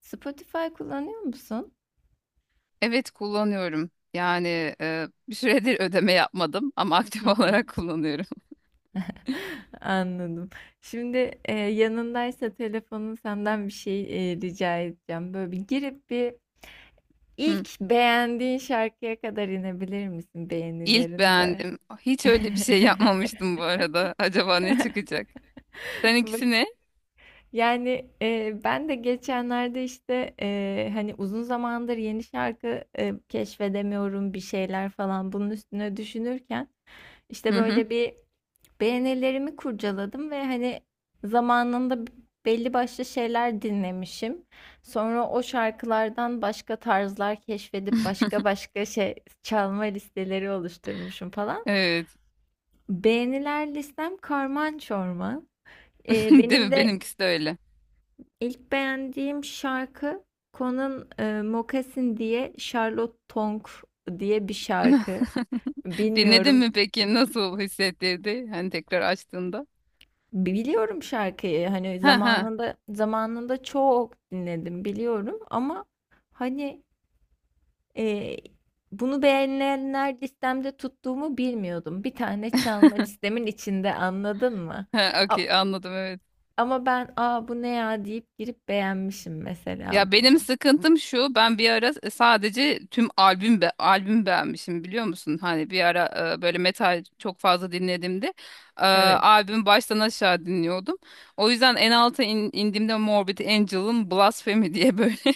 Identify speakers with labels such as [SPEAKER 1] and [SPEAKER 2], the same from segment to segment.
[SPEAKER 1] Spotify kullanıyor musun?
[SPEAKER 2] Evet kullanıyorum. Yani bir süredir ödeme yapmadım ama
[SPEAKER 1] Hı
[SPEAKER 2] aktif
[SPEAKER 1] hı.
[SPEAKER 2] olarak kullanıyorum.
[SPEAKER 1] Anladım. Şimdi, yanındaysa telefonun senden bir şey, rica edeceğim. Böyle bir girip bir
[SPEAKER 2] Hı.
[SPEAKER 1] ilk beğendiğin şarkıya kadar inebilir misin
[SPEAKER 2] İlk
[SPEAKER 1] beğenilerinde?
[SPEAKER 2] beğendim. Hiç öyle bir şey yapmamıştım bu arada. Acaba ne çıkacak? Sen
[SPEAKER 1] Bak,
[SPEAKER 2] ikisi ne?
[SPEAKER 1] yani, ben de geçenlerde, işte, hani, uzun zamandır yeni şarkı, keşfedemiyorum bir şeyler falan bunun üstüne düşünürken, işte,
[SPEAKER 2] Hı hı.
[SPEAKER 1] böyle bir beğenilerimi kurcaladım ve hani zamanında belli başlı şeyler dinlemişim. Sonra o şarkılardan başka tarzlar keşfedip başka başka şey çalma listeleri oluşturmuşum falan.
[SPEAKER 2] Evet.
[SPEAKER 1] Beğeniler listem karman çorman. Ee,
[SPEAKER 2] Değil
[SPEAKER 1] benim
[SPEAKER 2] mi?
[SPEAKER 1] de
[SPEAKER 2] Benimkisi de öyle.
[SPEAKER 1] ilk beğendiğim şarkı Conan Moccasin diye Charlotte Tonk diye bir şarkı.
[SPEAKER 2] Dinledin
[SPEAKER 1] Bilmiyorum.
[SPEAKER 2] mi peki? Nasıl hissettirdi? Hani tekrar açtığında.
[SPEAKER 1] Biliyorum şarkıyı. Hani
[SPEAKER 2] Ha ha.
[SPEAKER 1] zamanında zamanında çok dinledim biliyorum ama hani e, bunu beğenilenler listemde tuttuğumu bilmiyordum. Bir tane çalma listemin içinde anladın mı?
[SPEAKER 2] Ha,
[SPEAKER 1] A-
[SPEAKER 2] okey anladım evet.
[SPEAKER 1] ama ben aa bu ne ya deyip girip beğenmişim mesela
[SPEAKER 2] Ya
[SPEAKER 1] bunu.
[SPEAKER 2] benim sıkıntım şu, ben bir ara sadece tüm albüm albüm beğenmişim biliyor musun? Hani bir ara böyle metal çok fazla dinlediğimde
[SPEAKER 1] Evet.
[SPEAKER 2] albüm baştan aşağı dinliyordum. O yüzden en alta indiğimde Morbid Angel'ın Blasphemy diye böyle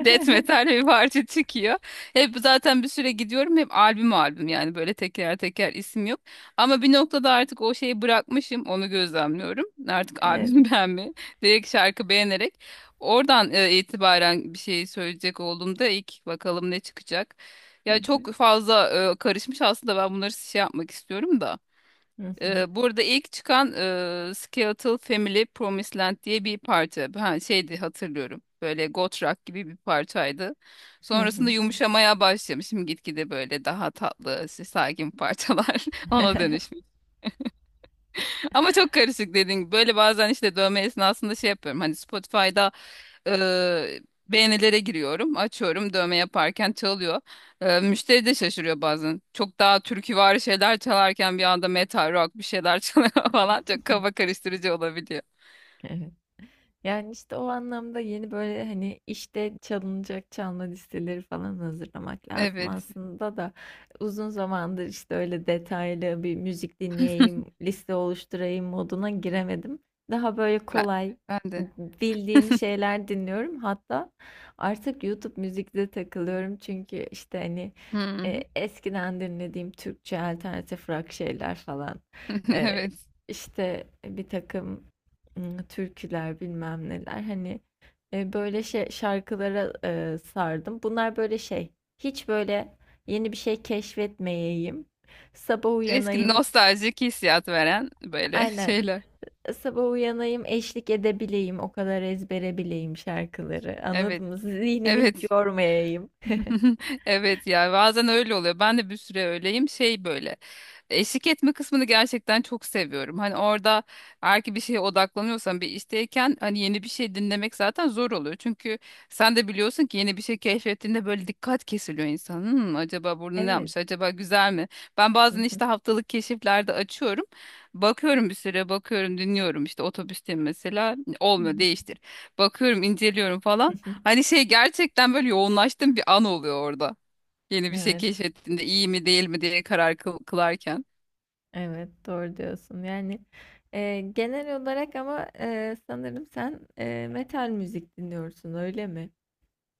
[SPEAKER 2] death metal bir parça çıkıyor. Hep zaten bir süre gidiyorum hep albüm albüm yani böyle teker teker isim yok. Ama bir noktada artık o şeyi bırakmışım onu gözlemliyorum. Artık
[SPEAKER 1] Evet.
[SPEAKER 2] albüm beğenmeyi direkt şarkı beğenerek. Oradan itibaren bir şey söyleyecek olduğumda ilk bakalım ne çıkacak.
[SPEAKER 1] Hı
[SPEAKER 2] Ya
[SPEAKER 1] hı,
[SPEAKER 2] çok fazla karışmış aslında ben bunları şey yapmak istiyorum da.
[SPEAKER 1] hı hı,
[SPEAKER 2] Burada ilk çıkan Skeletal Family Promised Land diye bir parça. Ha, şeydi hatırlıyorum. Böyle goth rock gibi bir parçaydı.
[SPEAKER 1] hı
[SPEAKER 2] Sonrasında
[SPEAKER 1] hı.
[SPEAKER 2] yumuşamaya başlamışım gitgide böyle daha tatlı, işte sakin parçalar ona dönüşmüş. Ama çok karışık dediğin gibi. Böyle bazen işte dövme esnasında şey yapıyorum. Hani Spotify'da Eee, beğenilere giriyorum. Açıyorum dövme yaparken çalıyor. Müşteri de şaşırıyor bazen. Çok daha türküvari şeyler çalarken bir anda metal rock bir şeyler çalıyor falan. Çok kafa karıştırıcı olabiliyor.
[SPEAKER 1] Evet. Yani, işte, o anlamda yeni, böyle, hani, işte çalınacak çalma listeleri falan hazırlamak lazım
[SPEAKER 2] Evet.
[SPEAKER 1] aslında da uzun zamandır, işte, öyle detaylı bir müzik dinleyeyim, liste oluşturayım moduna giremedim. Daha, böyle,
[SPEAKER 2] Ben,
[SPEAKER 1] kolay,
[SPEAKER 2] ben de.
[SPEAKER 1] bildiğim şeyler dinliyorum. Hatta artık YouTube müzikte takılıyorum çünkü, işte, hani,
[SPEAKER 2] Hı hı.
[SPEAKER 1] eskiden dinlediğim Türkçe alternatif rock şeyler falan, eee,
[SPEAKER 2] Evet.
[SPEAKER 1] işte, bir takım türküler, bilmem neler, hani, böyle şey şarkılara, sardım. Bunlar böyle şey, hiç böyle yeni bir şey keşfetmeyeyim, sabah
[SPEAKER 2] Eski
[SPEAKER 1] uyanayım.
[SPEAKER 2] nostaljik hissiyat veren böyle
[SPEAKER 1] Aynen,
[SPEAKER 2] şeyler.
[SPEAKER 1] sabah uyanayım, eşlik edebileyim, o kadar ezbere bileyim şarkıları, anladın
[SPEAKER 2] Evet.
[SPEAKER 1] mı? Zihnimi hiç
[SPEAKER 2] Evet.
[SPEAKER 1] yormayayım.
[SPEAKER 2] Evet ya bazen öyle oluyor. Ben de bir süre öyleyim. Şey böyle eşlik etme kısmını gerçekten çok seviyorum. Hani orada eğer ki bir şeye odaklanıyorsan bir işteyken hani yeni bir şey dinlemek zaten zor oluyor. Çünkü sen de biliyorsun ki yeni bir şey keşfettiğinde böyle dikkat kesiliyor insanın. Acaba burada ne
[SPEAKER 1] Evet.
[SPEAKER 2] yapmış? Acaba güzel mi? Ben
[SPEAKER 1] Hı
[SPEAKER 2] bazen
[SPEAKER 1] hı.
[SPEAKER 2] işte haftalık keşiflerde açıyorum. Bakıyorum bir süre bakıyorum dinliyorum işte otobüsteyim mesela
[SPEAKER 1] Hı
[SPEAKER 2] olmuyor değiştir. Bakıyorum, inceliyorum falan.
[SPEAKER 1] hı.
[SPEAKER 2] Hani şey gerçekten böyle yoğunlaştığım bir an oluyor orada. Yeni bir şey
[SPEAKER 1] Evet,
[SPEAKER 2] keşfettiğinde iyi mi değil mi diye karar kılarken.
[SPEAKER 1] evet, doğru diyorsun. Yani, genel olarak ama, sanırım sen, metal müzik dinliyorsun, öyle mi?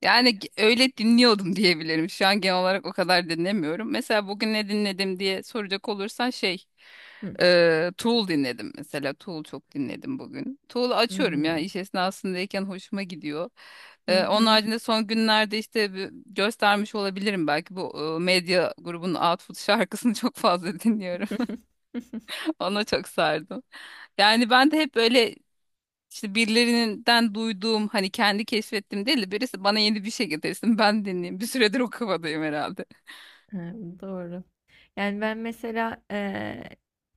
[SPEAKER 2] Yani öyle dinliyordum diyebilirim. Şu an genel olarak o kadar dinlemiyorum. Mesela bugün ne dinledim diye soracak olursan şey
[SPEAKER 1] Hı,
[SPEAKER 2] Tool dinledim mesela. Tool çok dinledim bugün. Tool'u açıyorum ya
[SPEAKER 1] hımm.
[SPEAKER 2] iş esnasındayken hoşuma gidiyor.
[SPEAKER 1] Hı
[SPEAKER 2] Onun
[SPEAKER 1] hı.
[SPEAKER 2] haricinde son günlerde işte göstermiş olabilirim belki bu medya grubunun Output şarkısını çok fazla dinliyorum. Ona çok sardım. Yani ben de hep böyle işte birilerinden duyduğum hani kendi keşfettim değil de birisi bana yeni bir şey getirsin ben dinleyeyim. Bir süredir o kafadayım herhalde.
[SPEAKER 1] Hı hı. Doğru. Yani ben mesela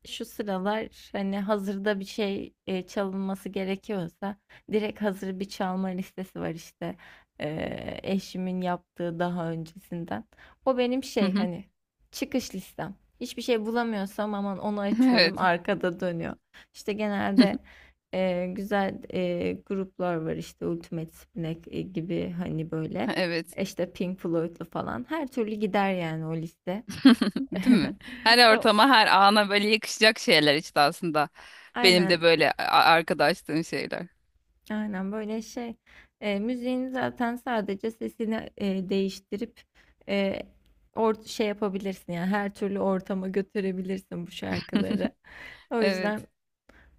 [SPEAKER 1] şu sıralar hani hazırda bir şey çalınması gerekiyorsa direkt hazır bir çalma listesi var işte eşimin yaptığı daha öncesinden. O benim
[SPEAKER 2] Hı
[SPEAKER 1] şey
[SPEAKER 2] hı.
[SPEAKER 1] hani çıkış listem. Hiçbir şey bulamıyorsam aman onu
[SPEAKER 2] Evet.
[SPEAKER 1] açıyorum arkada dönüyor. İşte genelde güzel gruplar var işte Ultimate Spinac gibi hani böyle.
[SPEAKER 2] Evet.
[SPEAKER 1] İşte Pink Floyd'lu falan her türlü gider yani o liste.
[SPEAKER 2] Değil mi? Her
[SPEAKER 1] O-
[SPEAKER 2] ortama, her ana böyle yakışacak şeyler işte aslında. Benim de
[SPEAKER 1] Aynen,
[SPEAKER 2] böyle arkadaşlığım şeyler.
[SPEAKER 1] aynen böyle şey. Müziğin zaten sadece sesini değiştirip e, or şey yapabilirsin yani her türlü ortama götürebilirsin bu şarkıları. O yüzden
[SPEAKER 2] Evet.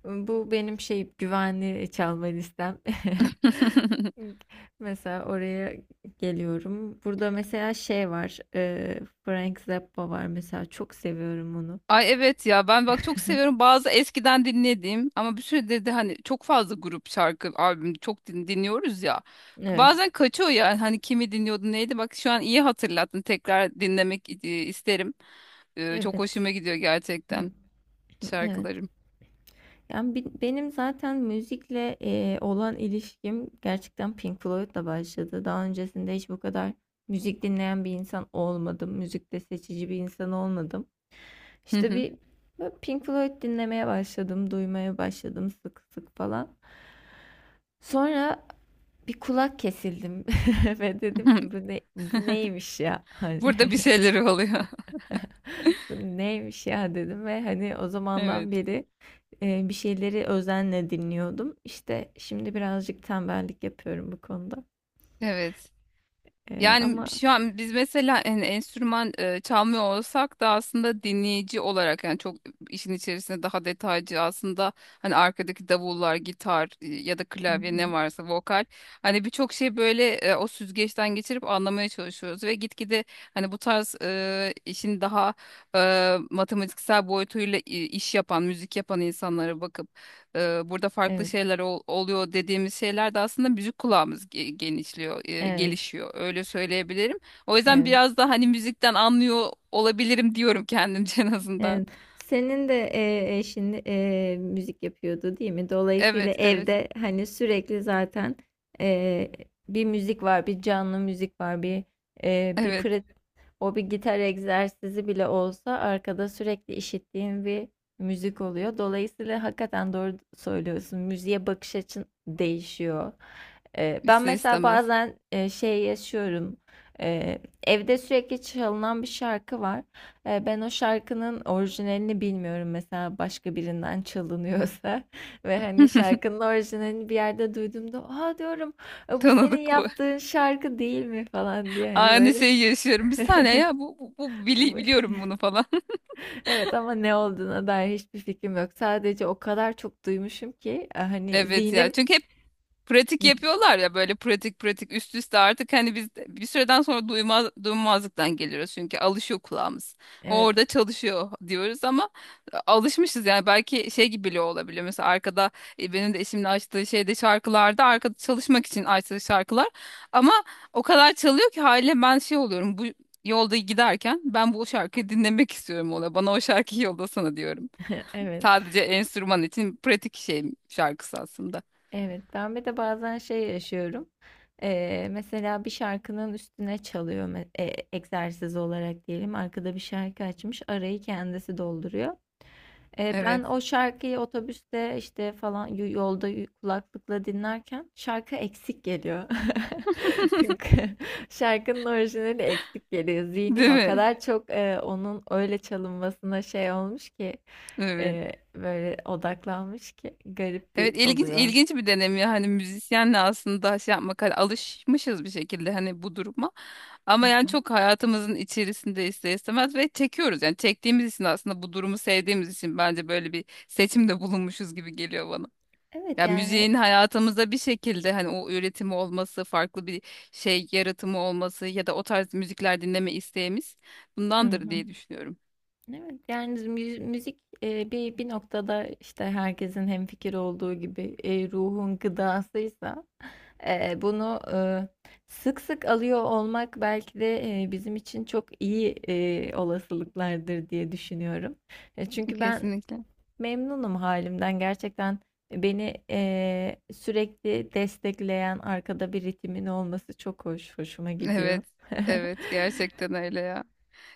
[SPEAKER 1] bu benim şey güvenli çalma listem. Mesela oraya geliyorum. Burada mesela şey var. Frank Zappa var mesela çok seviyorum onu.
[SPEAKER 2] Ay evet ya ben bak çok seviyorum bazı eskiden dinlediğim ama bir süredir de hani çok fazla grup şarkı albüm çok dinliyoruz ya.
[SPEAKER 1] Evet.
[SPEAKER 2] Bazen kaçıyor yani hani kimi dinliyordu neydi bak şu an iyi hatırlattın tekrar dinlemek isterim. Çok
[SPEAKER 1] Evet.
[SPEAKER 2] hoşuma gidiyor gerçekten
[SPEAKER 1] Evet.
[SPEAKER 2] şarkılarım.
[SPEAKER 1] Yani benim zaten müzikle olan ilişkim gerçekten Pink Floyd'la başladı. Daha öncesinde hiç bu kadar müzik dinleyen bir insan olmadım. Müzikte seçici bir insan olmadım.
[SPEAKER 2] Hı
[SPEAKER 1] İşte
[SPEAKER 2] hı.
[SPEAKER 1] bir böyle Pink Floyd dinlemeye başladım, duymaya başladım sık sık falan. Sonra bir kulak kesildim ve dedim ki bu ne bu neymiş ya hani.
[SPEAKER 2] Burada bir şeyleri oluyor.
[SPEAKER 1] Bu neymiş ya dedim ve hani o zamandan
[SPEAKER 2] Evet.
[SPEAKER 1] beri bir şeyleri özenle dinliyordum. İşte şimdi birazcık tembellik yapıyorum bu konuda.
[SPEAKER 2] Evet.
[SPEAKER 1] E,
[SPEAKER 2] Yani
[SPEAKER 1] ama
[SPEAKER 2] şu an biz mesela enstrüman çalmıyor olsak da aslında dinleyici olarak yani çok işin içerisinde daha detaycı aslında hani arkadaki davullar, gitar ya da
[SPEAKER 1] Hı
[SPEAKER 2] klavye
[SPEAKER 1] hı.
[SPEAKER 2] ne varsa vokal hani birçok şey böyle o süzgeçten geçirip anlamaya çalışıyoruz ve gitgide hani bu tarz işin daha e, matematiksel boyutuyla iş yapan, müzik yapan insanlara bakıp burada farklı
[SPEAKER 1] Evet,
[SPEAKER 2] şeyler oluyor dediğimiz şeyler de aslında müzik kulağımız genişliyor,
[SPEAKER 1] evet,
[SPEAKER 2] gelişiyor. Öyle söyleyebilirim. O yüzden
[SPEAKER 1] evet,
[SPEAKER 2] biraz da hani müzikten anlıyor olabilirim diyorum kendimce en azından.
[SPEAKER 1] evet. Senin de eşin müzik yapıyordu değil mi? Dolayısıyla
[SPEAKER 2] Evet, evet,
[SPEAKER 1] evde hani sürekli zaten e, bir müzik var, bir canlı müzik var, bir bir
[SPEAKER 2] evet.
[SPEAKER 1] pratik. O bir gitar egzersizi bile olsa arkada sürekli işittiğim bir müzik oluyor. Dolayısıyla hakikaten doğru söylüyorsun. Müziğe bakış açın değişiyor. Ben
[SPEAKER 2] İster
[SPEAKER 1] mesela
[SPEAKER 2] istemez.
[SPEAKER 1] bazen şey yaşıyorum. Ee, evde sürekli çalınan bir şarkı var. Ben o şarkının orijinalini bilmiyorum mesela başka birinden çalınıyorsa ve hani şarkının orijinalini bir yerde duyduğumda, "Aa" diyorum, "Bu senin
[SPEAKER 2] Tanıdık bu.
[SPEAKER 1] yaptığın şarkı değil mi?" falan diye hani
[SPEAKER 2] Aynı
[SPEAKER 1] böyle.
[SPEAKER 2] şeyi yaşıyorum. Bir saniye ya bu biliyorum bunu falan.
[SPEAKER 1] Evet ama ne olduğuna dair hiçbir fikrim yok. Sadece o kadar çok duymuşum ki hani
[SPEAKER 2] Evet ya.
[SPEAKER 1] zihnim.
[SPEAKER 2] Çünkü hep pratik yapıyorlar ya böyle pratik pratik üst üste artık hani biz bir süreden sonra duymazlıktan geliyoruz çünkü alışıyor kulağımız. O
[SPEAKER 1] Evet.
[SPEAKER 2] orada çalışıyor diyoruz ama alışmışız yani belki şey gibi bile olabiliyor. Mesela arkada benim de eşimin açtığı şeyde şarkılarda arkada çalışmak için açtığı şarkılar ama o kadar çalıyor ki haliyle ben şey oluyorum bu yolda giderken ben bu şarkıyı dinlemek istiyorum ona bana o şarkıyı yollasana diyorum.
[SPEAKER 1] Evet,
[SPEAKER 2] Sadece enstrüman için pratik şey şarkısı aslında.
[SPEAKER 1] evet. Ben bir de bazen şey yaşıyorum. Mesela bir şarkının üstüne çalıyor egzersiz olarak diyelim. Arkada bir şarkı açmış arayı kendisi dolduruyor. Ben
[SPEAKER 2] Evet.
[SPEAKER 1] o şarkıyı otobüste işte falan yolda kulaklıkla dinlerken şarkı eksik geliyor. Şarkının orijinali eksik geliyor. Zihnim
[SPEAKER 2] Değil
[SPEAKER 1] o
[SPEAKER 2] mi?
[SPEAKER 1] kadar çok onun öyle çalınmasına şey olmuş ki
[SPEAKER 2] Evet.
[SPEAKER 1] böyle odaklanmış ki garip bir
[SPEAKER 2] Evet ilginç
[SPEAKER 1] oluyor.
[SPEAKER 2] ilginç bir deneyim ya hani müzisyenle aslında şey yapmak hani alışmışız bir şekilde hani bu duruma
[SPEAKER 1] Hı
[SPEAKER 2] ama yani
[SPEAKER 1] hı.
[SPEAKER 2] çok hayatımızın içerisinde ister istemez ve çekiyoruz yani çektiğimiz için aslında bu durumu sevdiğimiz için bence böyle bir seçimde bulunmuşuz gibi geliyor bana.
[SPEAKER 1] Evet
[SPEAKER 2] Ya
[SPEAKER 1] yani.
[SPEAKER 2] müziğin hayatımızda bir şekilde hani o üretimi olması, farklı bir şey yaratımı olması ya da o tarz müzikler dinleme isteğimiz
[SPEAKER 1] Hı
[SPEAKER 2] bundandır
[SPEAKER 1] hı.
[SPEAKER 2] diye düşünüyorum.
[SPEAKER 1] Evet yani müzik bir bir noktada işte herkesin hemfikir olduğu gibi ruhun gıdasıysa bunu, sık sık alıyor olmak belki de, bizim için çok iyi, olasılıklardır diye düşünüyorum. Çünkü ben
[SPEAKER 2] Kesinlikle.
[SPEAKER 1] memnunum halimden. Gerçekten beni, sürekli destekleyen arkada bir ritimin olması çok hoş, hoşuma gidiyor.
[SPEAKER 2] Evet, evet gerçekten öyle ya.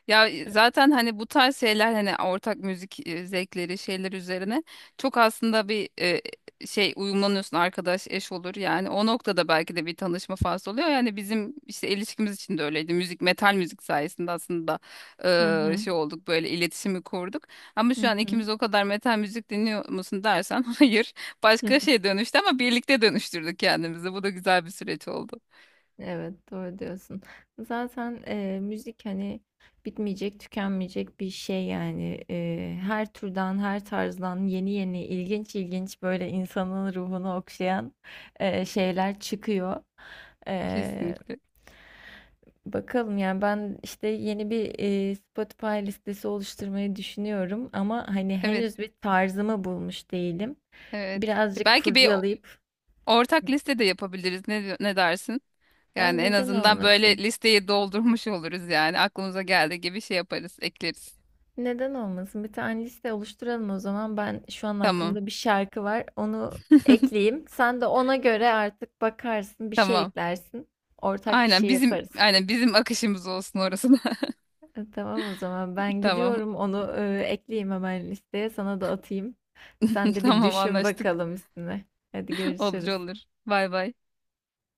[SPEAKER 2] Ya zaten hani bu tarz şeyler hani ortak müzik zevkleri şeyler üzerine çok aslında bir şey uyumlanıyorsun arkadaş eş olur yani o noktada belki de bir tanışma faslı oluyor yani bizim işte ilişkimiz için de öyleydi müzik metal müzik sayesinde aslında
[SPEAKER 1] Hı hı.
[SPEAKER 2] şey olduk böyle iletişimi kurduk ama şu an
[SPEAKER 1] Hı
[SPEAKER 2] ikimiz o kadar metal müzik dinliyor musun dersen hayır başka
[SPEAKER 1] hı.
[SPEAKER 2] şey dönüştü ama birlikte dönüştürdük kendimizi bu da güzel bir süreç oldu
[SPEAKER 1] Evet, doğru diyorsun. Zaten müzik hani bitmeyecek, tükenmeyecek bir şey yani. Her türden, her tarzdan yeni yeni ilginç ilginç böyle insanın ruhunu okşayan şeyler çıkıyor. E,
[SPEAKER 2] kesinlikle
[SPEAKER 1] Bakalım yani ben işte yeni bir Spotify listesi oluşturmayı düşünüyorum ama hani
[SPEAKER 2] evet
[SPEAKER 1] henüz bir tarzımı bulmuş değilim.
[SPEAKER 2] evet. E,
[SPEAKER 1] Birazcık
[SPEAKER 2] Belki bir
[SPEAKER 1] kurcalayıp
[SPEAKER 2] ortak liste de yapabiliriz. Ne dersin?
[SPEAKER 1] ya
[SPEAKER 2] Yani en
[SPEAKER 1] neden
[SPEAKER 2] azından böyle
[SPEAKER 1] olmasın?
[SPEAKER 2] listeyi doldurmuş oluruz yani. Aklımıza geldiği gibi şey yaparız, ekleriz.
[SPEAKER 1] Neden olmasın? Bir tane liste oluşturalım o zaman. Ben şu an
[SPEAKER 2] Tamam,
[SPEAKER 1] aklımda bir şarkı var. Onu ekleyeyim. Sen de ona göre artık bakarsın, bir şey
[SPEAKER 2] tamam.
[SPEAKER 1] eklersin. Ortak bir
[SPEAKER 2] Aynen
[SPEAKER 1] şey
[SPEAKER 2] bizim
[SPEAKER 1] yaparız.
[SPEAKER 2] aynen bizim akışımız olsun orası da.
[SPEAKER 1] Tamam o zaman. Ben
[SPEAKER 2] Tamam.
[SPEAKER 1] gidiyorum. Onu ekleyeyim hemen listeye. Sana da atayım. Sen de bir
[SPEAKER 2] Tamam
[SPEAKER 1] düşün
[SPEAKER 2] anlaştık.
[SPEAKER 1] bakalım üstüne. Hadi
[SPEAKER 2] Olur
[SPEAKER 1] görüşürüz.
[SPEAKER 2] olur. Bay bay.